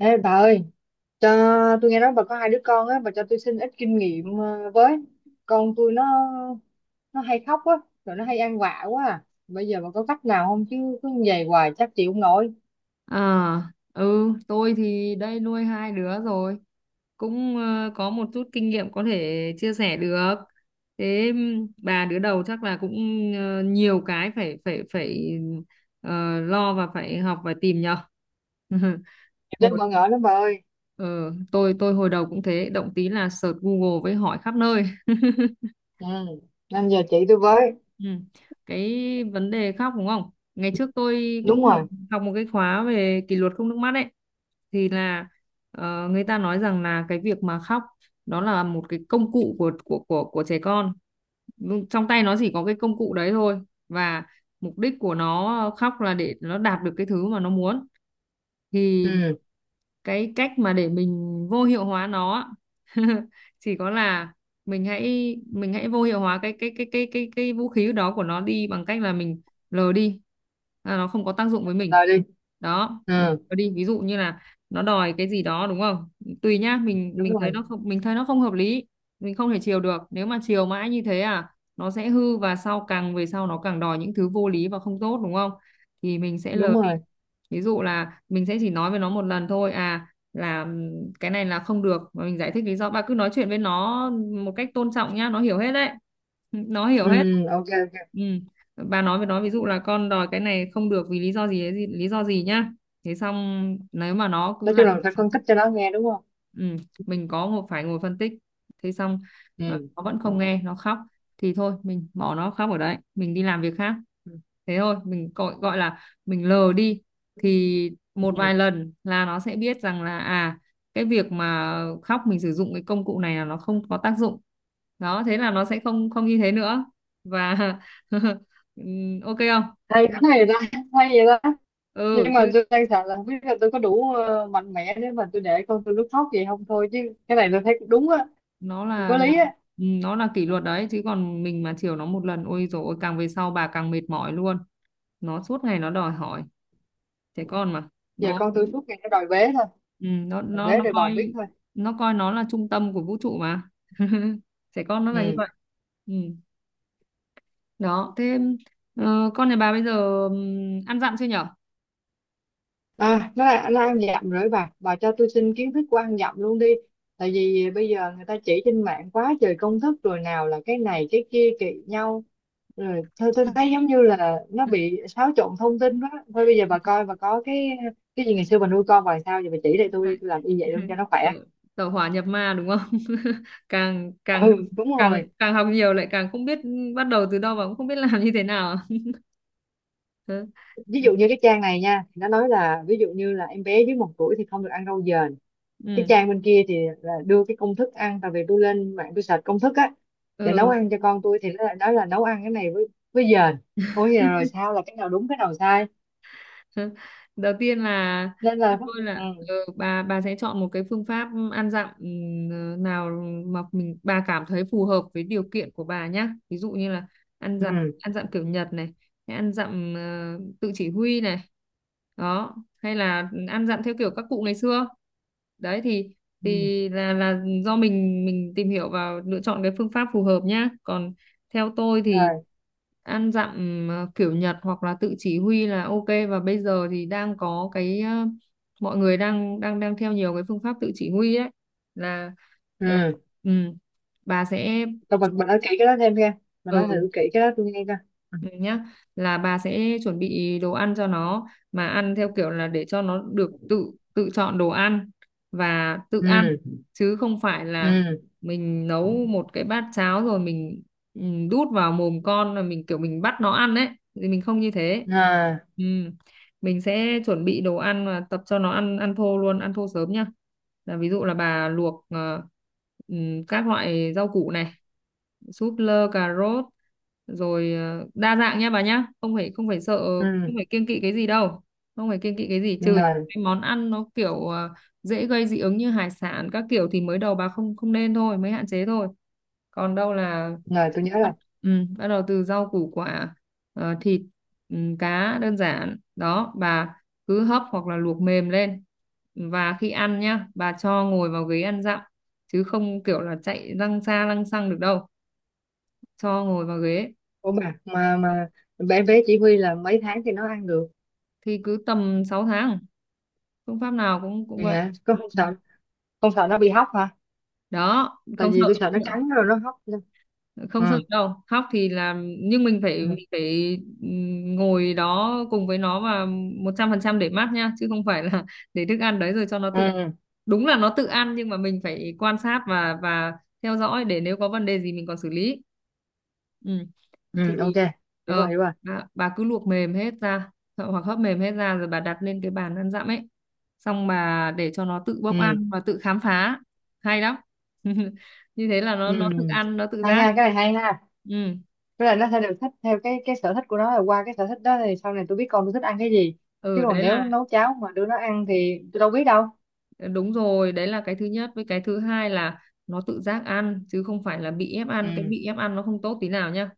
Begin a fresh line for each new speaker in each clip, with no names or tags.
Ê bà ơi, cho tôi nghe nói bà có hai đứa con á, bà cho tôi xin ít kinh nghiệm với. Con tôi nó hay khóc á, rồi nó hay ăn vạ quá à. Bây giờ bà có cách nào không chứ cứ như vậy hoài chắc chịu không nổi.
À, tôi thì đây nuôi hai đứa rồi, cũng có một chút kinh nghiệm có thể chia sẻ được. Thế bà đứa đầu chắc là cũng nhiều cái phải phải phải lo và phải học và tìm nhờ.
Rất
Hồi
bỡ ngỡ lắm bà ơi.
ờ, tôi hồi đầu cũng thế, động tí là search Google với hỏi khắp nơi.
Ừ, nên giờ chị tôi với.
Ừ. Cái vấn đề khóc đúng không? Ngày trước tôi
Đúng
cũng học
rồi.
học một cái khóa về kỷ luật không nước mắt ấy, thì là người ta nói rằng là cái việc mà khóc đó là một cái công cụ của trẻ con. Nhưng trong tay nó chỉ có cái công cụ đấy thôi, và mục đích của nó khóc là để nó đạt được cái thứ mà nó muốn. Thì
Ừ,
cái cách mà để mình vô hiệu hóa nó á, chỉ có là mình hãy vô hiệu hóa cái vũ khí đó của nó đi, bằng cách là mình lờ đi, là nó không có tác dụng với mình.
rồi đi.
Đó, lờ
Ừ,
đi. Ví dụ như là nó đòi cái gì đó đúng không, tùy nhá, mình
đúng
mình thấy
rồi.
nó không mình thấy nó không hợp lý, mình không thể chiều được, nếu mà chiều mãi như thế à, nó sẽ hư và sau càng về sau nó càng đòi những thứ vô lý và không tốt đúng không, thì mình sẽ lờ
Đúng
đi.
rồi.
Ví dụ là mình sẽ chỉ nói với nó một lần thôi à, là cái này là không được và mình giải thích lý do. Bà cứ nói chuyện với nó một cách tôn trọng nhá, nó hiểu hết đấy. Nó hiểu
Ừ,
hết.
ok ok.
Ừ. Bà nói với nó ví dụ là con đòi cái này không được vì lý do gì lý do gì nhá. Thế xong nếu mà nó cứ
Nói chung
làm.
là phải phân tích cho nó nghe đúng không?
Ừ. Mình có ngồi phân tích. Thế xong
Ừ.
nó vẫn không nghe, nó khóc, thì thôi mình bỏ nó khóc ở đấy, mình đi làm việc khác. Thế thôi mình gọi gọi là mình lờ đi. Thì một
Ừ.
vài lần là nó sẽ biết rằng là à, cái việc mà khóc, mình sử dụng cái công cụ này là nó không có tác dụng. Đó thế là nó sẽ không không như thế nữa. Và ok không.
Hay quá vậy ta, hay vậy ta.
Ừ
Nhưng
chứ.
mà tôi đang sợ là không biết là tôi có đủ mạnh mẽ để mà tôi để con tôi nó khóc vậy không thôi chứ. Cái này tôi thấy cũng đúng á,
nó
cũng có
là là
lý á.
nó là kỷ luật đấy chứ, còn mình mà chiều nó một lần ôi rồi ôi, càng về sau bà càng mệt mỏi luôn, nó suốt ngày nó đòi hỏi, trẻ con mà.
Giờ
Nó
con tôi suốt ngày nó đòi bế thôi,
nó
đòi
nó
bế
nó
đòi bồng biết
coi
thôi.
nó coi nó là trung tâm của vũ trụ mà. Trẻ con nó là như
Ừ
vậy. Ừ. Đó thế con nhà bà bây giờ ăn dặm chưa nhở.
à, nó ăn dặm rồi, bà cho tôi xin kiến thức của ăn dặm luôn đi, tại vì bây giờ người ta chỉ trên mạng quá trời công thức, rồi nào là cái này cái kia kỳ nhau, rồi thôi tôi thấy giống như là nó bị xáo trộn thông tin đó. Thôi bây giờ
Ừ.
bà coi bà có cái gì ngày xưa bà nuôi con bà làm sao giờ bà chỉ lại tôi
Đấy.
đi, tôi làm y vậy luôn cho nó khỏe.
Tẩu, tẩu hỏa nhập ma đúng không? Càng càng
Ừ,
học-
đúng
càng
rồi.
càng học nhiều lại càng không biết bắt đầu từ đâu và cũng không biết làm như thế nào.
Ví dụ như cái trang này nha thì nó nói là ví dụ như là em bé dưới 1 tuổi thì không được ăn rau dền, cái
Ừ.
trang bên kia thì là đưa cái công thức ăn, tại vì tôi lên mạng tôi search công thức á để nấu
Ừ.
ăn cho con tôi thì nó lại nói là nấu ăn cái này với dền. Ôi giờ rồi sao là cái nào đúng cái nào sai,
Đầu tiên là
nên
theo
là
tôi là
ừ,
bà sẽ chọn một cái phương pháp ăn dặm nào mà bà cảm thấy phù hợp với điều kiện của bà nhá, ví dụ như là
ừ,
ăn dặm kiểu Nhật này, hay ăn dặm tự chỉ huy này, đó hay là ăn dặm theo kiểu các cụ ngày xưa đấy. Thì
ừ.
là do mình tìm hiểu và lựa chọn cái phương pháp phù hợp nhá. Còn theo tôi thì
Rồi.
ăn dặm kiểu Nhật hoặc là tự chỉ huy là ok, và bây giờ thì đang có cái mọi người đang đang đang theo nhiều cái phương pháp tự chỉ huy ấy, là là
Ừ,
ừ, bà sẽ
tôi mình nói kỹ cái đó thêm nghe, mình nói
ừ.
thử kỹ cái đó tôi nghe coi.
Ừ nhá, là bà sẽ chuẩn bị đồ ăn cho nó, mà ăn theo kiểu là để cho nó được tự tự chọn đồ ăn và tự ăn,
Ừ.
chứ không phải là
Ừ.
mình nấu một cái bát cháo rồi mình ừ, đút vào mồm con, là mình kiểu mình bắt nó ăn ấy, thì mình không như thế.
Ừ. À.
Ừ. Mình sẽ chuẩn bị đồ ăn và tập cho nó ăn ăn thô luôn, ăn thô sớm nhá. Là ví dụ là bà luộc ừ, các loại rau củ này, súp lơ, cà rốt, rồi đa dạng nha bà nhá, không phải sợ,
Ừ.
không phải kiêng kỵ cái gì đâu, không phải kiêng kỵ cái gì, trừ những
Rồi
cái món ăn nó kiểu dễ gây dị ứng như hải sản các kiểu thì mới đầu bà không không nên, mới hạn chế thôi. Còn đâu là
rồi tôi
bắt
nhớ.
ừ, bắt đầu từ rau củ quả, thịt, cá đơn giản đó bà, cứ hấp hoặc là luộc mềm lên, và khi ăn nhá bà cho ngồi vào ghế ăn dặm, chứ không kiểu là chạy lăng xa lăng xăng được đâu, cho ngồi vào ghế.
Ủa bà mà bé bé chỉ huy là mấy tháng thì nó ăn được?
Thì cứ tầm 6 tháng, phương pháp nào cũng cũng
Thì
vậy.
hả có
Ừ.
không
Ừ.
sợ, không sợ nó bị hóc hả?
Đó,
Tại
không
vì tôi
sợ,
sợ nó cắn rồi nó hóc. Ừ.
không sợ đâu khóc thì là, nhưng
Ừ.
mình phải ngồi đó cùng với nó và 100% để mát nha, chứ không phải là để thức ăn đấy rồi cho nó tự ăn.
Ừ,
Đúng là nó tự ăn nhưng mà mình phải quan sát và theo dõi, để nếu có vấn đề gì mình còn xử lý. Ừ. Thì
ừ. Ok, hiểu
ờ,
rồi hiểu rồi.
bà cứ luộc mềm hết ra hoặc hấp mềm hết ra, rồi bà đặt lên cái bàn ăn dặm ấy, xong bà để cho nó tự bốc
Ừ.
ăn và tự khám phá. Hay lắm. Như thế là
Ừ,
nó tự ăn, nó tự
hay
giác.
ha, cái này hay ha.
ừ
Với lại nó sẽ được thích theo cái sở thích của nó, rồi qua cái sở thích đó thì sau này tôi biết con tôi thích ăn cái gì, chứ
ừ
còn
đấy
nếu
là
nấu cháo mà đưa nó ăn thì tôi đâu biết đâu.
đúng rồi, đấy là cái thứ nhất. Với cái thứ hai là nó tự giác ăn, chứ không phải là bị ép ăn. Cái
Ừ.
bị ép ăn nó không tốt tí nào nhá,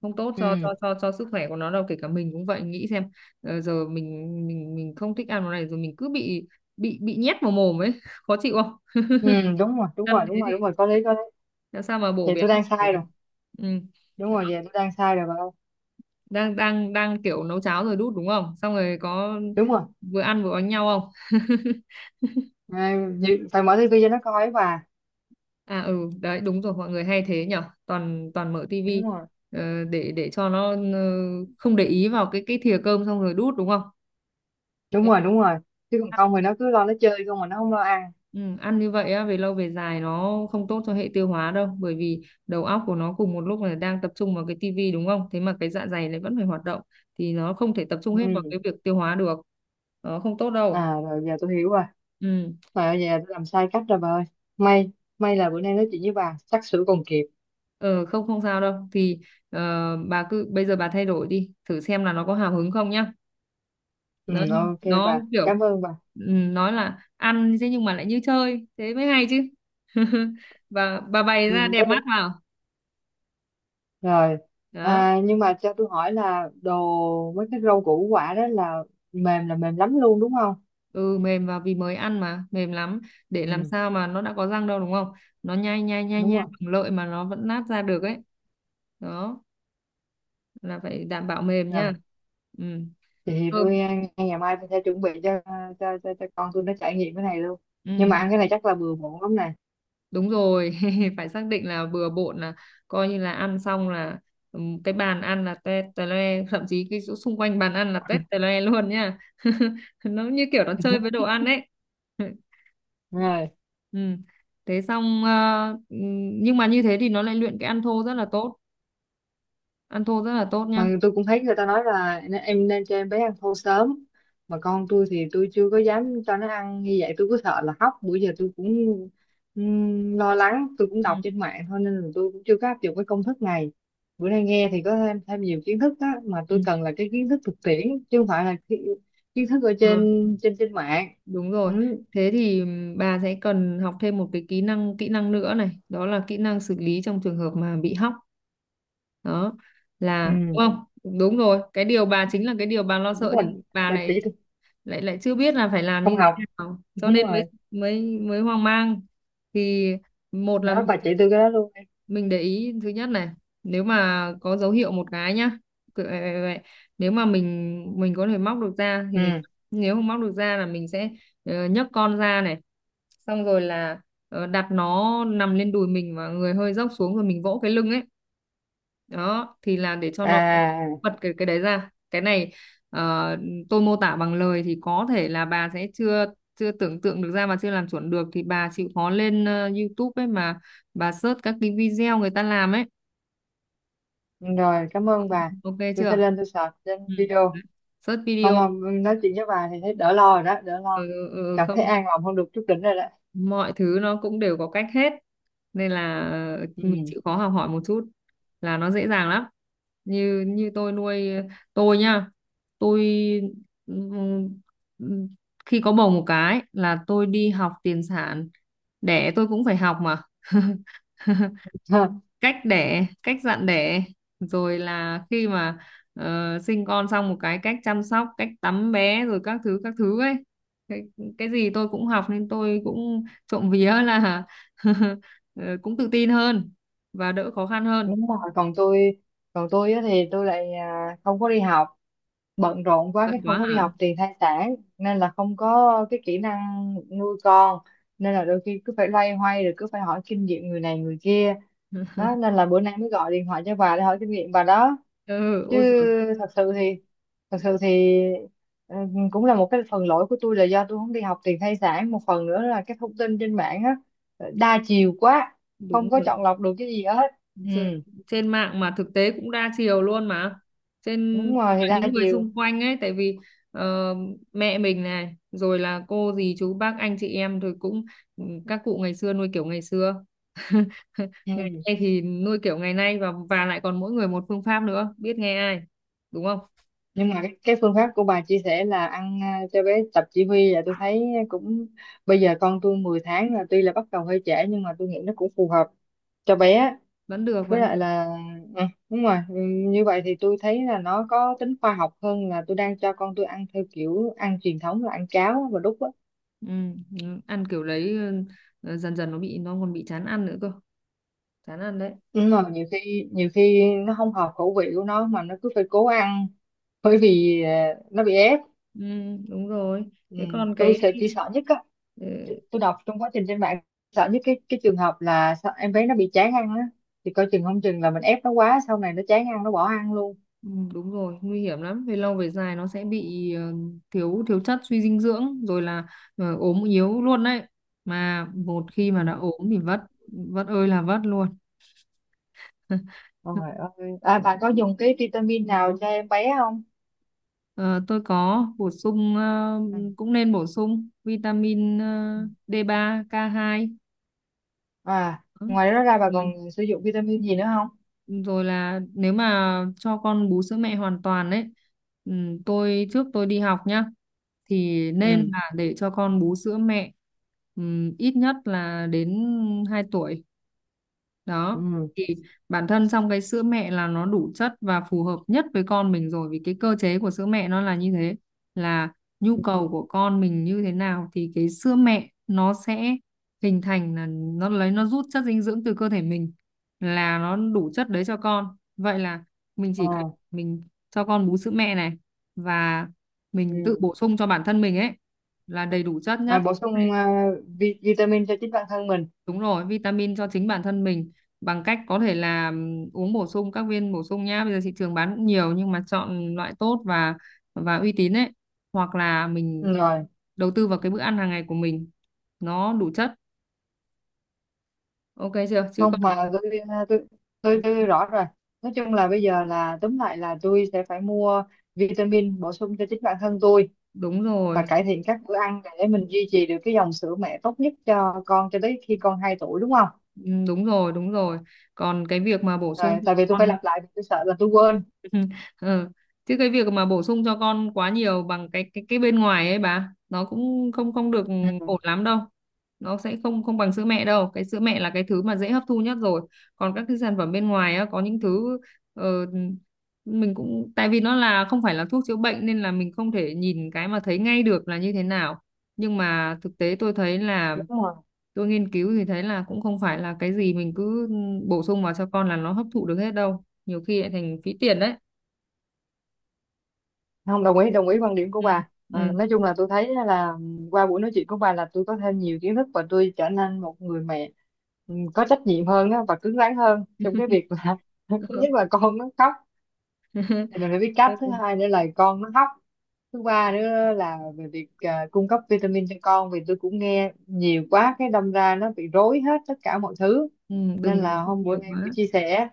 không tốt cho
Ừ.
cho sức khỏe của nó đâu, kể cả mình cũng vậy, nghĩ xem giờ mình không thích ăn món này, rồi mình cứ bị bị nhét vào mồm ấy, khó chịu không.
Ừ, đúng rồi, đúng
Ăn
rồi,
thế
đúng
thì
rồi, đúng rồi, có lý, có lý.
làm sao mà bổ
Thì
béo
tôi đang
được.
sai rồi,
Ừ.
đúng
Đó.
rồi. Về tôi đang sai rồi bà ơi.
Đang đang đang kiểu nấu cháo rồi đút đúng không, xong rồi có
Đúng rồi.
vừa ăn vừa đánh nhau không.
À, phải mở tivi cho nó coi ấy bà.
À ừ, đấy đúng rồi, mọi người hay thế nhở, toàn toàn mở tivi
Đúng rồi,
để cho nó không để ý vào cái thìa cơm xong rồi đút đúng không?
đúng
Đấy,
rồi, đúng rồi. Chứ còn
ăn,
không thì nó cứ lo nó chơi không mà nó không lo ăn.
ừ, ăn như vậy á, về lâu về dài nó không tốt cho hệ tiêu hóa đâu, bởi vì đầu óc của nó cùng một lúc là đang tập trung vào cái tivi đúng không? Thế mà cái dạ dày lại vẫn phải hoạt động, thì nó không thể tập trung hết vào
Ừ.
cái việc tiêu hóa được. Nó không tốt đâu.
À, rồi giờ tôi hiểu rồi,
Ừ.
mà bây giờ tôi làm sai cách rồi bà ơi. May may là bữa nay nói chuyện với bà xác sửa còn kịp.
Ờ, không không sao đâu. Thì bà cứ bây giờ bà thay đổi đi, thử xem là nó có hào hứng không nhá.
Ừ,
nó
ok,
nó
bà
kiểu
cảm ơn bà.
nói là ăn thế nhưng mà lại như chơi, thế mới hay chứ. Và bà bày
Ừ,
ra đẹp mắt
với-.
vào.
Rồi.
Đó.
À, nhưng mà cho tôi hỏi là đồ mấy cái rau củ quả đó là mềm lắm luôn đúng không?
Ừ, mềm vào, vì mới ăn mà mềm lắm, để làm
Ừ.
sao mà nó đã có răng đâu đúng không, nó nhai
Đúng
nhai
rồi.
bằng lợi mà nó vẫn nát ra được ấy. Đó, là phải đảm bảo mềm nha. Ừ.
Thì
Cơm.
tôi ngay ngày mai tôi sẽ chuẩn bị cho cho con tôi nó trải nghiệm cái này luôn. Nhưng
Ừ.
mà ăn cái này chắc là bừa bộn lắm nè.
Đúng rồi, phải xác định là bừa bộn, là coi như là ăn xong là cái bàn ăn là tét tè le, thậm chí cái chỗ xung quanh bàn ăn là tét tè le luôn nha. Nó như kiểu nó chơi với đồ ăn ấy.
Đúng rồi.
Ừ. Thế xong nhưng mà như thế thì nó lại luyện cái ăn thô rất là tốt, ăn thô rất là tốt nhá.
Mà tôi cũng thấy người ta nói là em nên cho em bé ăn thô sớm, mà con tôi thì tôi chưa có dám cho nó ăn như vậy, tôi cứ sợ là hóc, bữa giờ tôi cũng lo lắng. Tôi cũng
Ừ.
đọc trên mạng thôi nên là tôi cũng chưa có áp dụng cái công thức này. Bữa nay nghe thì có thêm thêm nhiều kiến thức á, mà tôi cần là cái kiến thức thực tiễn chứ không phải là kiến thức ở
Ừ.
trên trên trên mạng.
Đúng rồi.
Ừ.
Thế thì bà sẽ cần học thêm một cái kỹ năng nữa này, đó là kỹ năng xử lý trong trường hợp mà bị hóc. Đó là đúng
Ừ.
không? Đúng rồi, cái điều bà chính là cái điều bà lo
Đúng
sợ,
rồi,
nhưng bà
bà
lại
chỉ tôi.
lại lại chưa biết là phải làm
Không
như
học.
thế nào. Cho
Đúng
nên mới
rồi,
mới mới hoang mang. Thì một là
đó bà chỉ tôi cái đó luôn.
mình để ý thứ nhất này, nếu mà có dấu hiệu một cái nhá, cứ- vậy- vậy- vậy. Nếu mà mình có thể móc được ra thì mình.
Ừ.
Nếu không móc được ra là mình sẽ, nhấc con ra này. Xong rồi là, đặt nó nằm lên đùi mình và người hơi dốc xuống, rồi mình vỗ cái lưng ấy. Đó thì là để cho nó
À,
bật cái đấy ra cái này. ờ, tôi mô tả bằng lời thì có thể là bà sẽ chưa chưa tưởng tượng được ra, mà chưa làm chuẩn được thì bà chịu khó lên, YouTube ấy mà. Bà search các cái video người ta làm ấy.
rồi, cảm ơn bà.
Ok
Tôi sẽ
chưa?
lên tôi search trên
Ừ.
video.
Search
Không
video.
mà nói chuyện với bà thì thấy đỡ lo rồi đó, đỡ
Ừ,
lo.
ừ, ừ,
Cảm thấy
không.
an lòng hơn được chút đỉnh rồi đó.
Mọi thứ nó cũng đều có cách hết, nên là mình
Ừ.
chịu khó học hỏi một chút là nó dễ dàng lắm. Như như tôi nuôi, tôi nhá. Tôi, ừm, ừm, khi có bầu một cái là tôi đi học tiền sản. Đẻ tôi cũng phải học mà. Cách đẻ, cách dặn đẻ, rồi là khi mà, sinh con xong một cái, cách chăm sóc, cách tắm bé, rồi các thứ ấy. Cái, cái gì tôi cũng học, nên tôi cũng trộm vía là ờ, cũng tự tin hơn và đỡ khó khăn hơn.
Đúng rồi. Còn tôi á thì tôi lại à, không có đi học. Bận rộn quá
Bận
cái không
quá
có đi
hả?
học tiền thai sản, nên là không có cái kỹ năng nuôi con, nên là đôi khi cứ phải loay hoay rồi cứ phải hỏi kinh nghiệm người này người kia đó. Nên là bữa nay mới gọi điện thoại cho bà để hỏi kinh nghiệm bà đó
Ừ,
chứ.
ôi giời.
thật sự thì Thật sự thì ừ, cũng là một cái phần lỗi của tôi là do tôi không đi học tiền thai sản, một phần nữa là cái thông tin trên mạng á đa chiều quá, không
Đúng
có
rồi.
chọn lọc được cái gì hết. Ừ,
Trên trên mạng mà thực tế cũng đa chiều luôn mà. Trên
đúng
tức
rồi,
là
thì đa
những người
chiều.
xung quanh ấy, tại vì, ờ, mẹ mình này, rồi là cô dì chú bác anh chị em, rồi cũng ừ, các cụ ngày xưa nuôi kiểu ngày xưa. Ngày
Ừ.
nay thì nuôi kiểu ngày nay, và lại còn mỗi người một phương pháp nữa, biết nghe ai, đúng không?
Nhưng mà cái phương pháp của bà chia sẻ là ăn à, cho bé tập chỉ huy là tôi thấy cũng, bây giờ con tôi 10 tháng là tuy là bắt đầu hơi trễ nhưng mà tôi nghĩ nó cũng phù hợp cho bé.
Vẫn được,
Với
vẫn
lại
được.
là ừ, đúng rồi. Ừ, như vậy thì tôi thấy là nó có tính khoa học hơn là tôi đang cho con tôi ăn theo kiểu ăn truyền thống là ăn cháo và đút á,
Ừ, ừ, ăn kiểu đấy. Ừ, dần dần nó bị, nó còn bị chán ăn nữa cơ. Chán ăn đấy.
nhưng mà nhiều khi nó không hợp khẩu vị của nó mà nó cứ phải cố ăn, bởi vì à, nó bị ép.
Ừ, đúng rồi.
Ừ,
Thế còn
tôi
cái.
sẽ chỉ sợ nhất,
Ừ.
tôi đọc trong quá trình trên mạng, sợ nhất cái trường hợp là sao em bé nó bị chán ăn á, thì coi chừng không chừng là mình ép nó quá sau này nó chán ăn nó bỏ ăn luôn.
Ừ, đúng rồi, nguy hiểm lắm, về lâu về dài nó sẽ bị, thiếu thiếu chất, suy dinh dưỡng, rồi là, ốm yếu luôn đấy. Mà một khi mà đã
Ừ.
ốm thì vất, vất ơi là vất luôn.
Trời ơi. À, bà có dùng cái vitamin nào cho em bé không?
Ờ, tôi có bổ sung,
Ừ.
cũng nên bổ sung vitamin,
Ừ.
D3K2.
À, ngoài đó ra bà
Ừ.
còn sử dụng vitamin gì nữa không?
Rồi là nếu mà cho con bú sữa mẹ hoàn toàn đấy. Ừ, tôi trước tôi đi học nhá, thì nên
Ừ.
là để cho con bú sữa mẹ. Ừ, ít nhất là đến 2 tuổi đó.
Ừ.
Thì bản thân trong cái sữa mẹ là nó đủ chất và phù hợp nhất với con mình rồi, vì cái cơ chế của sữa mẹ nó là như thế. Là nhu cầu của con mình như thế nào thì cái sữa mẹ nó sẽ hình thành, là nó lấy, nó rút chất dinh dưỡng từ cơ thể mình, là nó đủ chất đấy cho con. Vậy là mình chỉ cần
À,
mình cho con bú sữa mẹ này, và mình tự
ừ.
bổ sung cho bản thân mình ấy là đầy đủ chất
À,
nhất.
bổ sung à, vitamin cho chính bản thân mình.
Đúng rồi, vitamin cho chính bản thân mình, bằng cách có thể là uống bổ sung các viên bổ sung nhá. Bây giờ thị trường bán cũng nhiều, nhưng mà chọn loại tốt và uy tín ấy. Hoặc là mình
Ừ, rồi.
đầu tư vào cái bữa ăn hàng ngày của mình, nó đủ chất. Ok chưa? Chứ
Không
còn
mà tôi à, tôi tôi rõ rồi. Nói chung là bây giờ là tóm lại là tôi sẽ phải mua vitamin bổ sung cho chính bản thân tôi
đúng
và
rồi,
cải thiện các bữa ăn để mình duy trì được cái dòng sữa mẹ tốt nhất cho con cho tới khi con 2 tuổi đúng không?
đúng rồi, đúng rồi. Còn cái việc mà bổ sung
Rồi
cho
tại vì tôi phải
con.
lặp lại vì tôi sợ là tôi quên.
Ừ. Ừ. Chứ cái việc mà bổ sung cho con quá nhiều bằng cái bên ngoài ấy bà, nó cũng không không được
Ừ,
ổn lắm đâu. Nó sẽ không không bằng sữa mẹ đâu. Cái sữa mẹ là cái thứ mà dễ hấp thu nhất rồi. Còn các cái sản phẩm bên ngoài á, có những thứ, ờ, mình cũng, tại vì nó là không phải là thuốc chữa bệnh, nên là mình không thể nhìn cái mà thấy ngay được là như thế nào. Nhưng mà thực tế tôi thấy là
đúng rồi.
tôi nghiên cứu thì thấy là cũng không phải là cái gì mình cứ bổ sung vào cho con là nó hấp thụ được hết đâu, nhiều khi lại thành phí tiền đấy.
Không, đồng ý đồng ý quan điểm của
Ừ.
bà.
Ừ.
Ờ, nói chung là tôi thấy là qua buổi nói chuyện của bà là tôi có thêm nhiều kiến thức và tôi trở nên một người mẹ ừ, có trách nhiệm hơn á và cứng rắn hơn trong cái việc là thứ
Ừ.
nhất là con nó khóc thì mình phải biết cách, thứ hai nữa là con nó khóc, thứ ba nữa là về việc à, cung cấp vitamin cho con, vì tôi cũng nghe nhiều quá cái đâm ra nó bị rối hết tất cả mọi thứ.
Ừ,
Nên
đừng bổ
là
sung
hôm bữa
nhiều
nay buổi
quá.
chia sẻ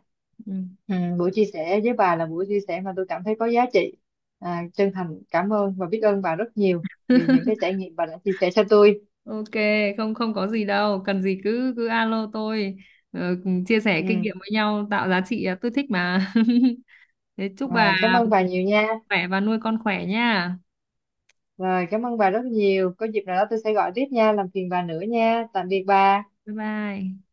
Ừ.
ừ, buổi chia sẻ với bà là buổi chia sẻ mà tôi cảm thấy có giá trị. À, chân thành cảm ơn và biết ơn bà rất nhiều vì những cái trải nghiệm bà đã chia sẻ cho tôi.
Ok, không không có gì đâu, cần gì cứ cứ alo tôi, cùng chia sẻ kinh
Ừ.
nghiệm với nhau tạo giá trị, à, tôi thích mà. Thế chúc
Rồi cảm
bà
ơn bà nhiều nha.
khỏe và nuôi con khỏe nha.
Rồi cảm ơn bà rất nhiều, có dịp nào đó tôi sẽ gọi tiếp nha, làm phiền bà nữa nha, tạm biệt bà.
Bye bye.